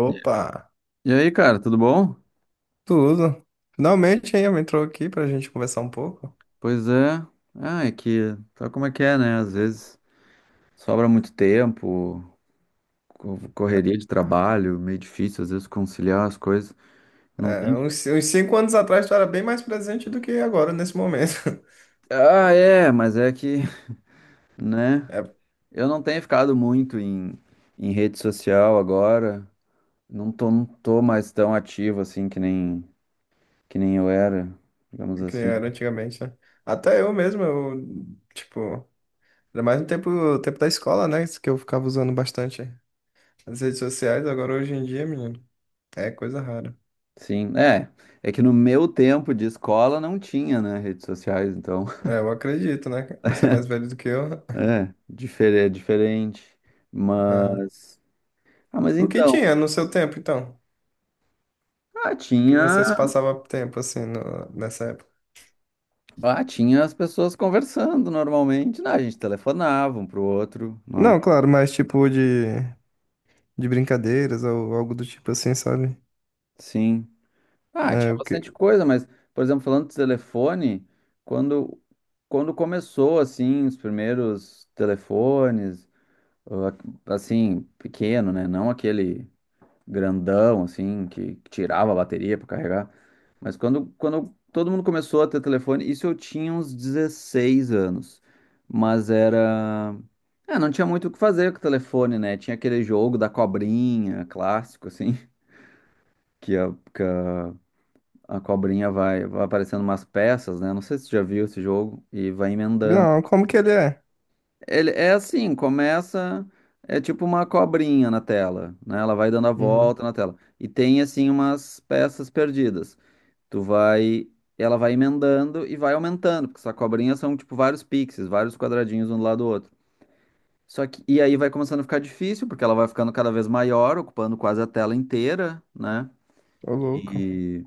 Opa, E aí, cara, tudo bom? tudo. Finalmente aí entrou aqui pra gente conversar um pouco. Pois é. Ah, é que sabe como é que é, né? Às vezes sobra muito tempo, correria de trabalho, meio difícil às vezes conciliar as coisas. Não É, tem. uns cinco anos atrás tu era bem mais presente do que agora, nesse momento. Ah, é, mas é que, né? É, Eu não tenho ficado muito em rede social agora. Não tô mais tão ativo assim que nem eu era, digamos que assim. era antigamente, né? Até eu mesmo, eu, tipo, era mais no tempo da escola, né? Isso que eu ficava usando bastante as redes sociais, agora hoje em dia, menino, é coisa rara. Sim, é. É que no meu tempo de escola não tinha, né, redes sociais, então. É, eu acredito, né? Você é mais velho do que eu. É, diferente, Aham. mas... Ah, mas O que então, tinha no seu tempo, então? ah, O que você se tinha, passava tempo assim nessa época? ah, tinha as pessoas conversando normalmente, né? A gente telefonava um pro outro, não é? Não, claro, mas tipo de brincadeiras ou algo do tipo assim, sabe? Sim. Ah, tinha É o que. bastante coisa, mas, por exemplo, falando de telefone, quando, quando começou, assim, os primeiros telefones, ah, assim, pequeno, né? Não aquele grandão, assim, que tirava a bateria para carregar. Mas quando todo mundo começou a ter telefone, isso eu tinha uns 16 anos. Mas era. É, não tinha muito o que fazer com o telefone, né? Tinha aquele jogo da cobrinha, clássico, assim, que a, que a, a cobrinha vai aparecendo umas peças, né? Não sei se você já viu esse jogo, e vai emendando. Não, como que ele é? Ele é assim, começa é tipo uma cobrinha na tela, né? Ela vai dando a Uhum. volta na tela e tem assim umas peças perdidas. Tu vai, ela vai emendando e vai aumentando, porque essa cobrinha são tipo vários pixels, vários quadradinhos um do lado do outro. Só que e aí vai começando a ficar difícil, porque ela vai ficando cada vez maior, ocupando quase a tela inteira, né? Ô, louco. E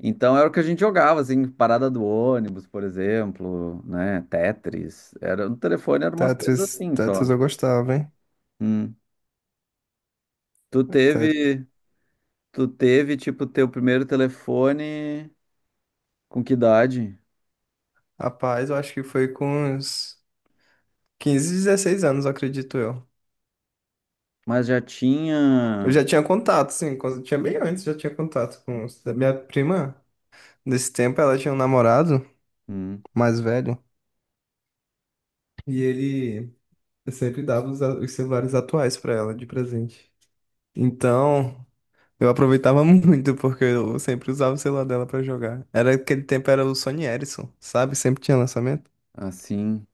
então era o que a gente jogava assim, parada do ônibus, por exemplo, né? Tetris. Era no telefone, eram umas coisas Tetris, assim só. Tetris eu gostava, hein? Hum. Tu Te- teve, tipo, teu primeiro telefone com que idade? Rapaz, eu acho que foi com uns 15, 16 anos, eu acredito eu. Mas já Eu tinha, já tinha contato, sim, quando tinha bem antes, já tinha contato com da minha prima. Nesse tempo ela tinha um namorado hum, mais velho e ele sempre dava os celulares atuais pra ela de presente. Então, eu aproveitava muito porque eu sempre usava o celular dela pra jogar. Era aquele tempo, era o Sony Ericsson, sabe? Sempre tinha lançamento. assim,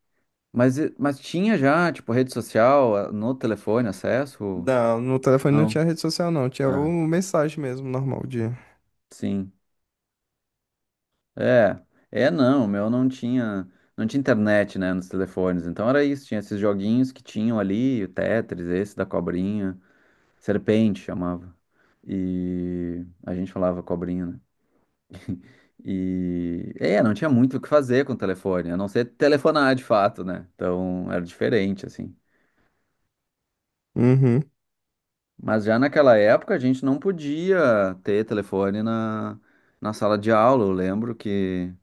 mas, mas tinha já, tipo, rede social ah, no telefone, acesso? Não, no telefone não Não. tinha rede social não, tinha o Ah, mensagem mesmo normal de. sim. É, é não, o meu não tinha, não tinha internet, né, nos telefones, então era isso, tinha esses joguinhos que tinham ali, o Tetris, esse da cobrinha, Serpente chamava, e a gente falava cobrinha, né? E é, não tinha muito o que fazer com o telefone, a não ser telefonar de fato, né? Então era diferente, assim. Uhum. Mas já naquela época a gente não podia ter telefone na sala de aula. Eu lembro que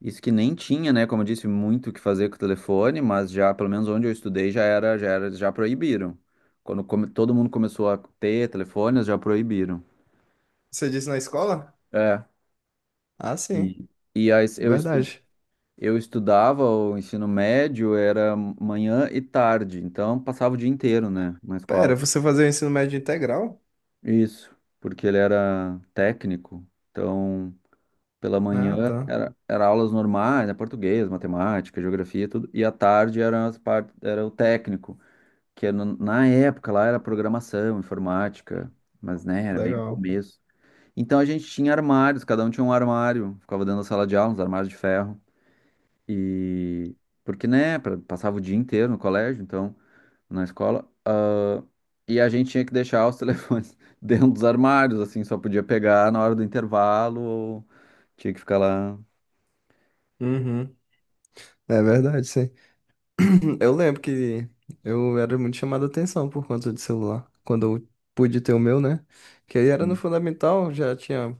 isso que nem tinha, né? Como eu disse, muito o que fazer com o telefone, mas já, pelo menos onde eu estudei, já proibiram. Quando todo mundo começou a ter telefones, já proibiram. Você disse na escola? É. Ah, sim. E, e aí eu estudei. Verdade. Eu estudava o ensino médio, era manhã e tarde, então passava o dia inteiro, né, na Pera, escola. você fazia o ensino médio integral? Isso, porque ele era técnico, então pela Ah, manhã tá. era aulas normais, né, português, matemática, geografia, tudo, e à tarde era, era o técnico, que era na época lá era programação, informática, mas né, era bem no Legal. começo. Então a gente tinha armários, cada um tinha um armário, ficava dentro da sala de aula, uns armários de ferro. E porque, né, passava o dia inteiro no colégio, então, na escola, e a gente tinha que deixar os telefones dentro dos armários, assim, só podia pegar na hora do intervalo, ou tinha que ficar lá. Uhum. É verdade, sim. Eu lembro que eu era muito chamado a atenção por conta de celular. Quando eu pude ter o meu, né? Que aí era no Assim. fundamental, já tinha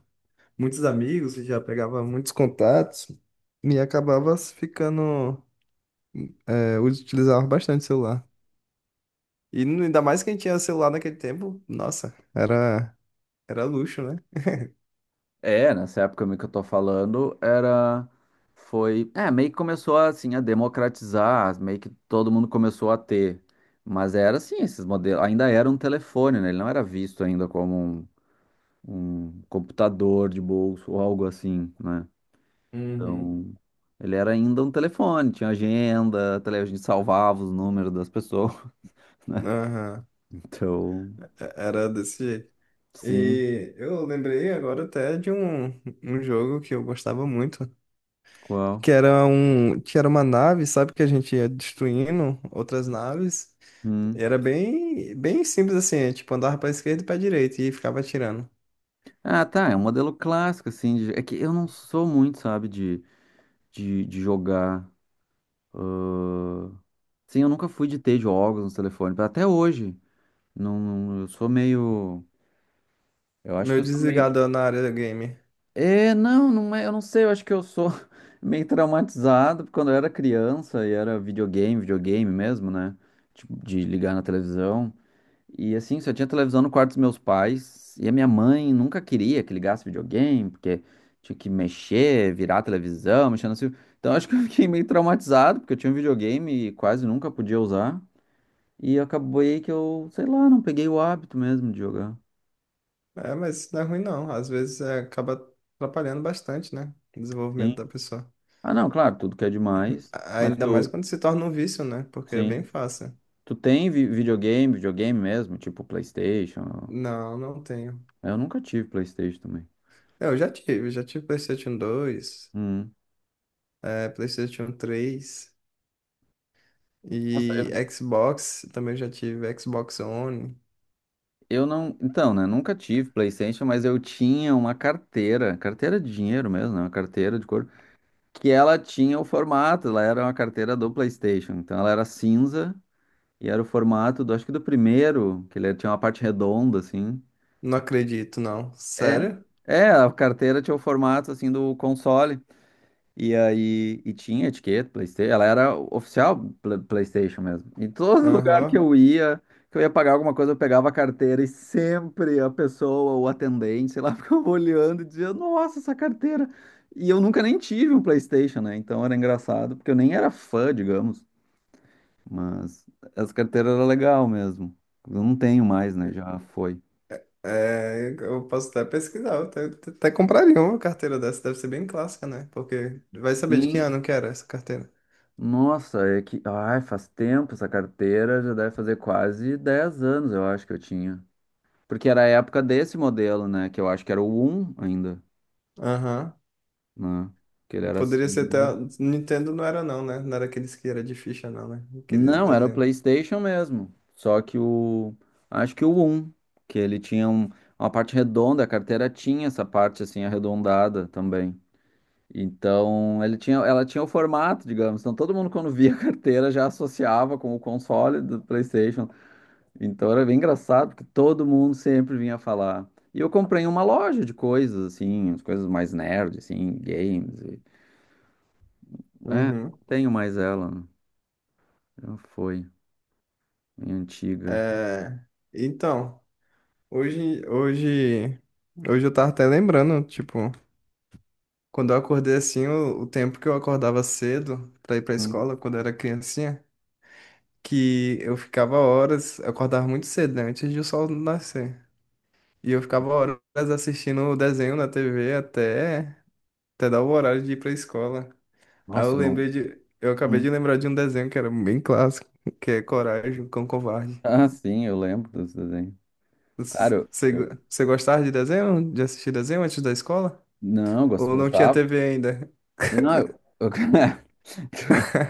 muitos amigos, já pegava muitos contatos e acabava ficando, é, utilizava bastante o celular. E ainda mais quem tinha celular naquele tempo, nossa, era, era luxo, né? É, nessa época meio que eu tô falando, era foi, é, meio que começou assim a democratizar, meio que todo mundo começou a ter. Mas era assim, esses modelos, ainda era um telefone, né? Ele não era visto ainda como um computador de bolso ou algo assim, né? Uhum. Então, ele era ainda um telefone, tinha agenda, a gente salvava os números das pessoas, né? Aham. Então, Era desse jeito. sim, E eu lembrei agora até de um jogo que eu gostava muito, qual? que era que era uma nave, sabe, que a gente ia destruindo outras naves. Hum. Era bem simples assim, é, tipo andava para esquerda e para direita e ficava atirando. Ah, tá, é um modelo clássico, assim, é que eu não sou muito, sabe, de jogar. Ah, sim, eu nunca fui de ter jogos no telefone, até hoje, não, eu sou meio, eu acho que Meu eu sou meio. desligador na área da game. É, não, não é, eu não sei, eu acho que eu sou meio traumatizado porque quando eu era criança e era videogame, videogame mesmo, né? Tipo, de ligar na televisão. E assim, só tinha televisão no quarto dos meus pais e a minha mãe nunca queria que ligasse videogame, porque tinha que mexer, virar a televisão, mexendo assim. Então eu acho que eu fiquei meio traumatizado, porque eu tinha um videogame e quase nunca podia usar. E acabou aí que eu, sei lá, não peguei o hábito mesmo de jogar. É, mas isso não é ruim não. Às vezes é, acaba atrapalhando bastante, né? O desenvolvimento da Sim. pessoa. Ah, não, claro, tudo que é demais, mas Ainda mais tu, quando se torna um vício, né? Porque é bem sim. fácil. Tu tem videogame, videogame mesmo, tipo PlayStation? Não, não tenho. Eu nunca tive PlayStation também. É, eu já tive PlayStation dois, Hum. é, PlayStation três Nossa, e Xbox. Também já tive Xbox One. eu não. Então, né? Nunca tive PlayStation, mas eu tinha uma carteira, carteira de dinheiro mesmo, né? Uma carteira de couro, que ela tinha o formato, ela era uma carteira do PlayStation. Então, ela era cinza e era o formato do, acho que do primeiro, que ele tinha uma parte redonda, assim. Não acredito, não. É. Sério? É, a carteira tinha o formato, assim, do console. E aí, e tinha etiqueta, PlayStation, ela era oficial PlayStation mesmo. Em todo lugar Aham. Que eu ia pagar alguma coisa, eu pegava a carteira e sempre a pessoa, o atendente, sei lá, ficava olhando e dizia, nossa, essa carteira. E eu nunca nem tive um PlayStation, né? Então era engraçado, porque eu nem era fã, digamos, mas essa carteira era legal mesmo. Eu não tenho mais, né? Já foi. É, eu posso até pesquisar, eu até compraria uma carteira dessa, deve ser bem clássica, né? Porque vai saber de que Sim. ano que era essa carteira. Nossa, é que. Ai, faz tempo essa carteira, já deve fazer quase 10 anos, eu acho que eu tinha. Porque era a época desse modelo, né? Que eu acho que era o um ainda, Aham. né? Que ele era Poderia assim, ser até. né? Nintendo não era, não, né? Não era aqueles que era de ficha, não, né? Aquele Não, era o desenho. PlayStation mesmo. Só que o. Acho que o um, que ele tinha uma parte redonda, a carteira tinha essa parte assim arredondada também. Então, ele tinha, ela tinha o formato, digamos. Então, todo mundo quando via a carteira já associava com o console do PlayStation. Então era bem engraçado, porque todo mundo sempre vinha falar. E eu comprei uma loja de coisas, assim, as coisas mais nerd, assim, games. É, não Uhum. tenho mais ela, né? Já foi, minha antiga. É, então, hoje, hoje, hoje eu tava até lembrando, tipo, quando eu acordei assim, o tempo que eu acordava cedo pra ir pra Hum. escola, quando eu era criancinha, que eu ficava horas, eu acordava muito cedo, né? Antes de o sol nascer. E eu ficava horas assistindo o desenho na TV até, até dar o horário de ir pra escola. Aí Nossa, eu eu não. lembrei de. Eu acabei Hum. de lembrar de um desenho que era bem clássico, que é Coragem, o Cão Covarde. Ah, sim, eu lembro desse desenho. Cara, Você, você gostava de desenho? De assistir desenho antes da escola? Não, eu Ou não tinha gostava. TV ainda? Eu Não,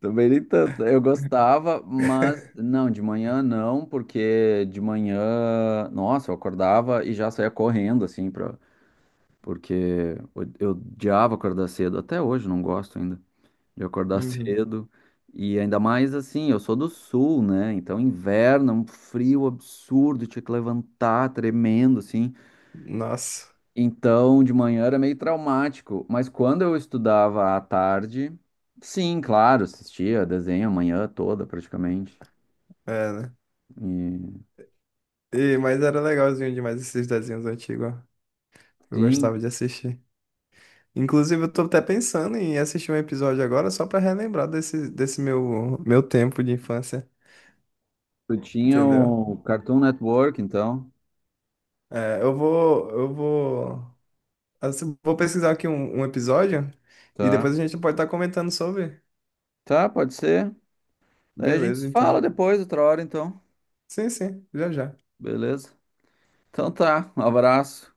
também nem tanto. Eu gostava, mas não, de manhã não, porque de manhã, nossa, eu acordava e já saía correndo, assim, porque eu odiava acordar cedo, até hoje não gosto ainda de acordar Uhum. cedo. E ainda mais assim, eu sou do sul, né? Então inverno, é um frio absurdo, tinha que levantar tremendo assim. Nossa, Então de manhã era meio traumático, mas quando eu estudava à tarde, sim, claro, assistia desenho a manhã toda praticamente. é, né? E E, mas era legalzinho demais esses desenhos antigos, ó. Eu sim, gostava de assistir. Inclusive, eu tô até pensando em assistir um episódio agora só pra relembrar desse meu, meu tempo de infância. tu tinha Entendeu? o Cartoon Network, então, É, eu vou, assim, vou pesquisar aqui um episódio e tá? depois a gente pode estar comentando sobre. Tá, pode ser. Daí a gente Beleza, se fala então. depois, outra hora, então. Sim, sim, já já. Beleza? Então tá, um abraço.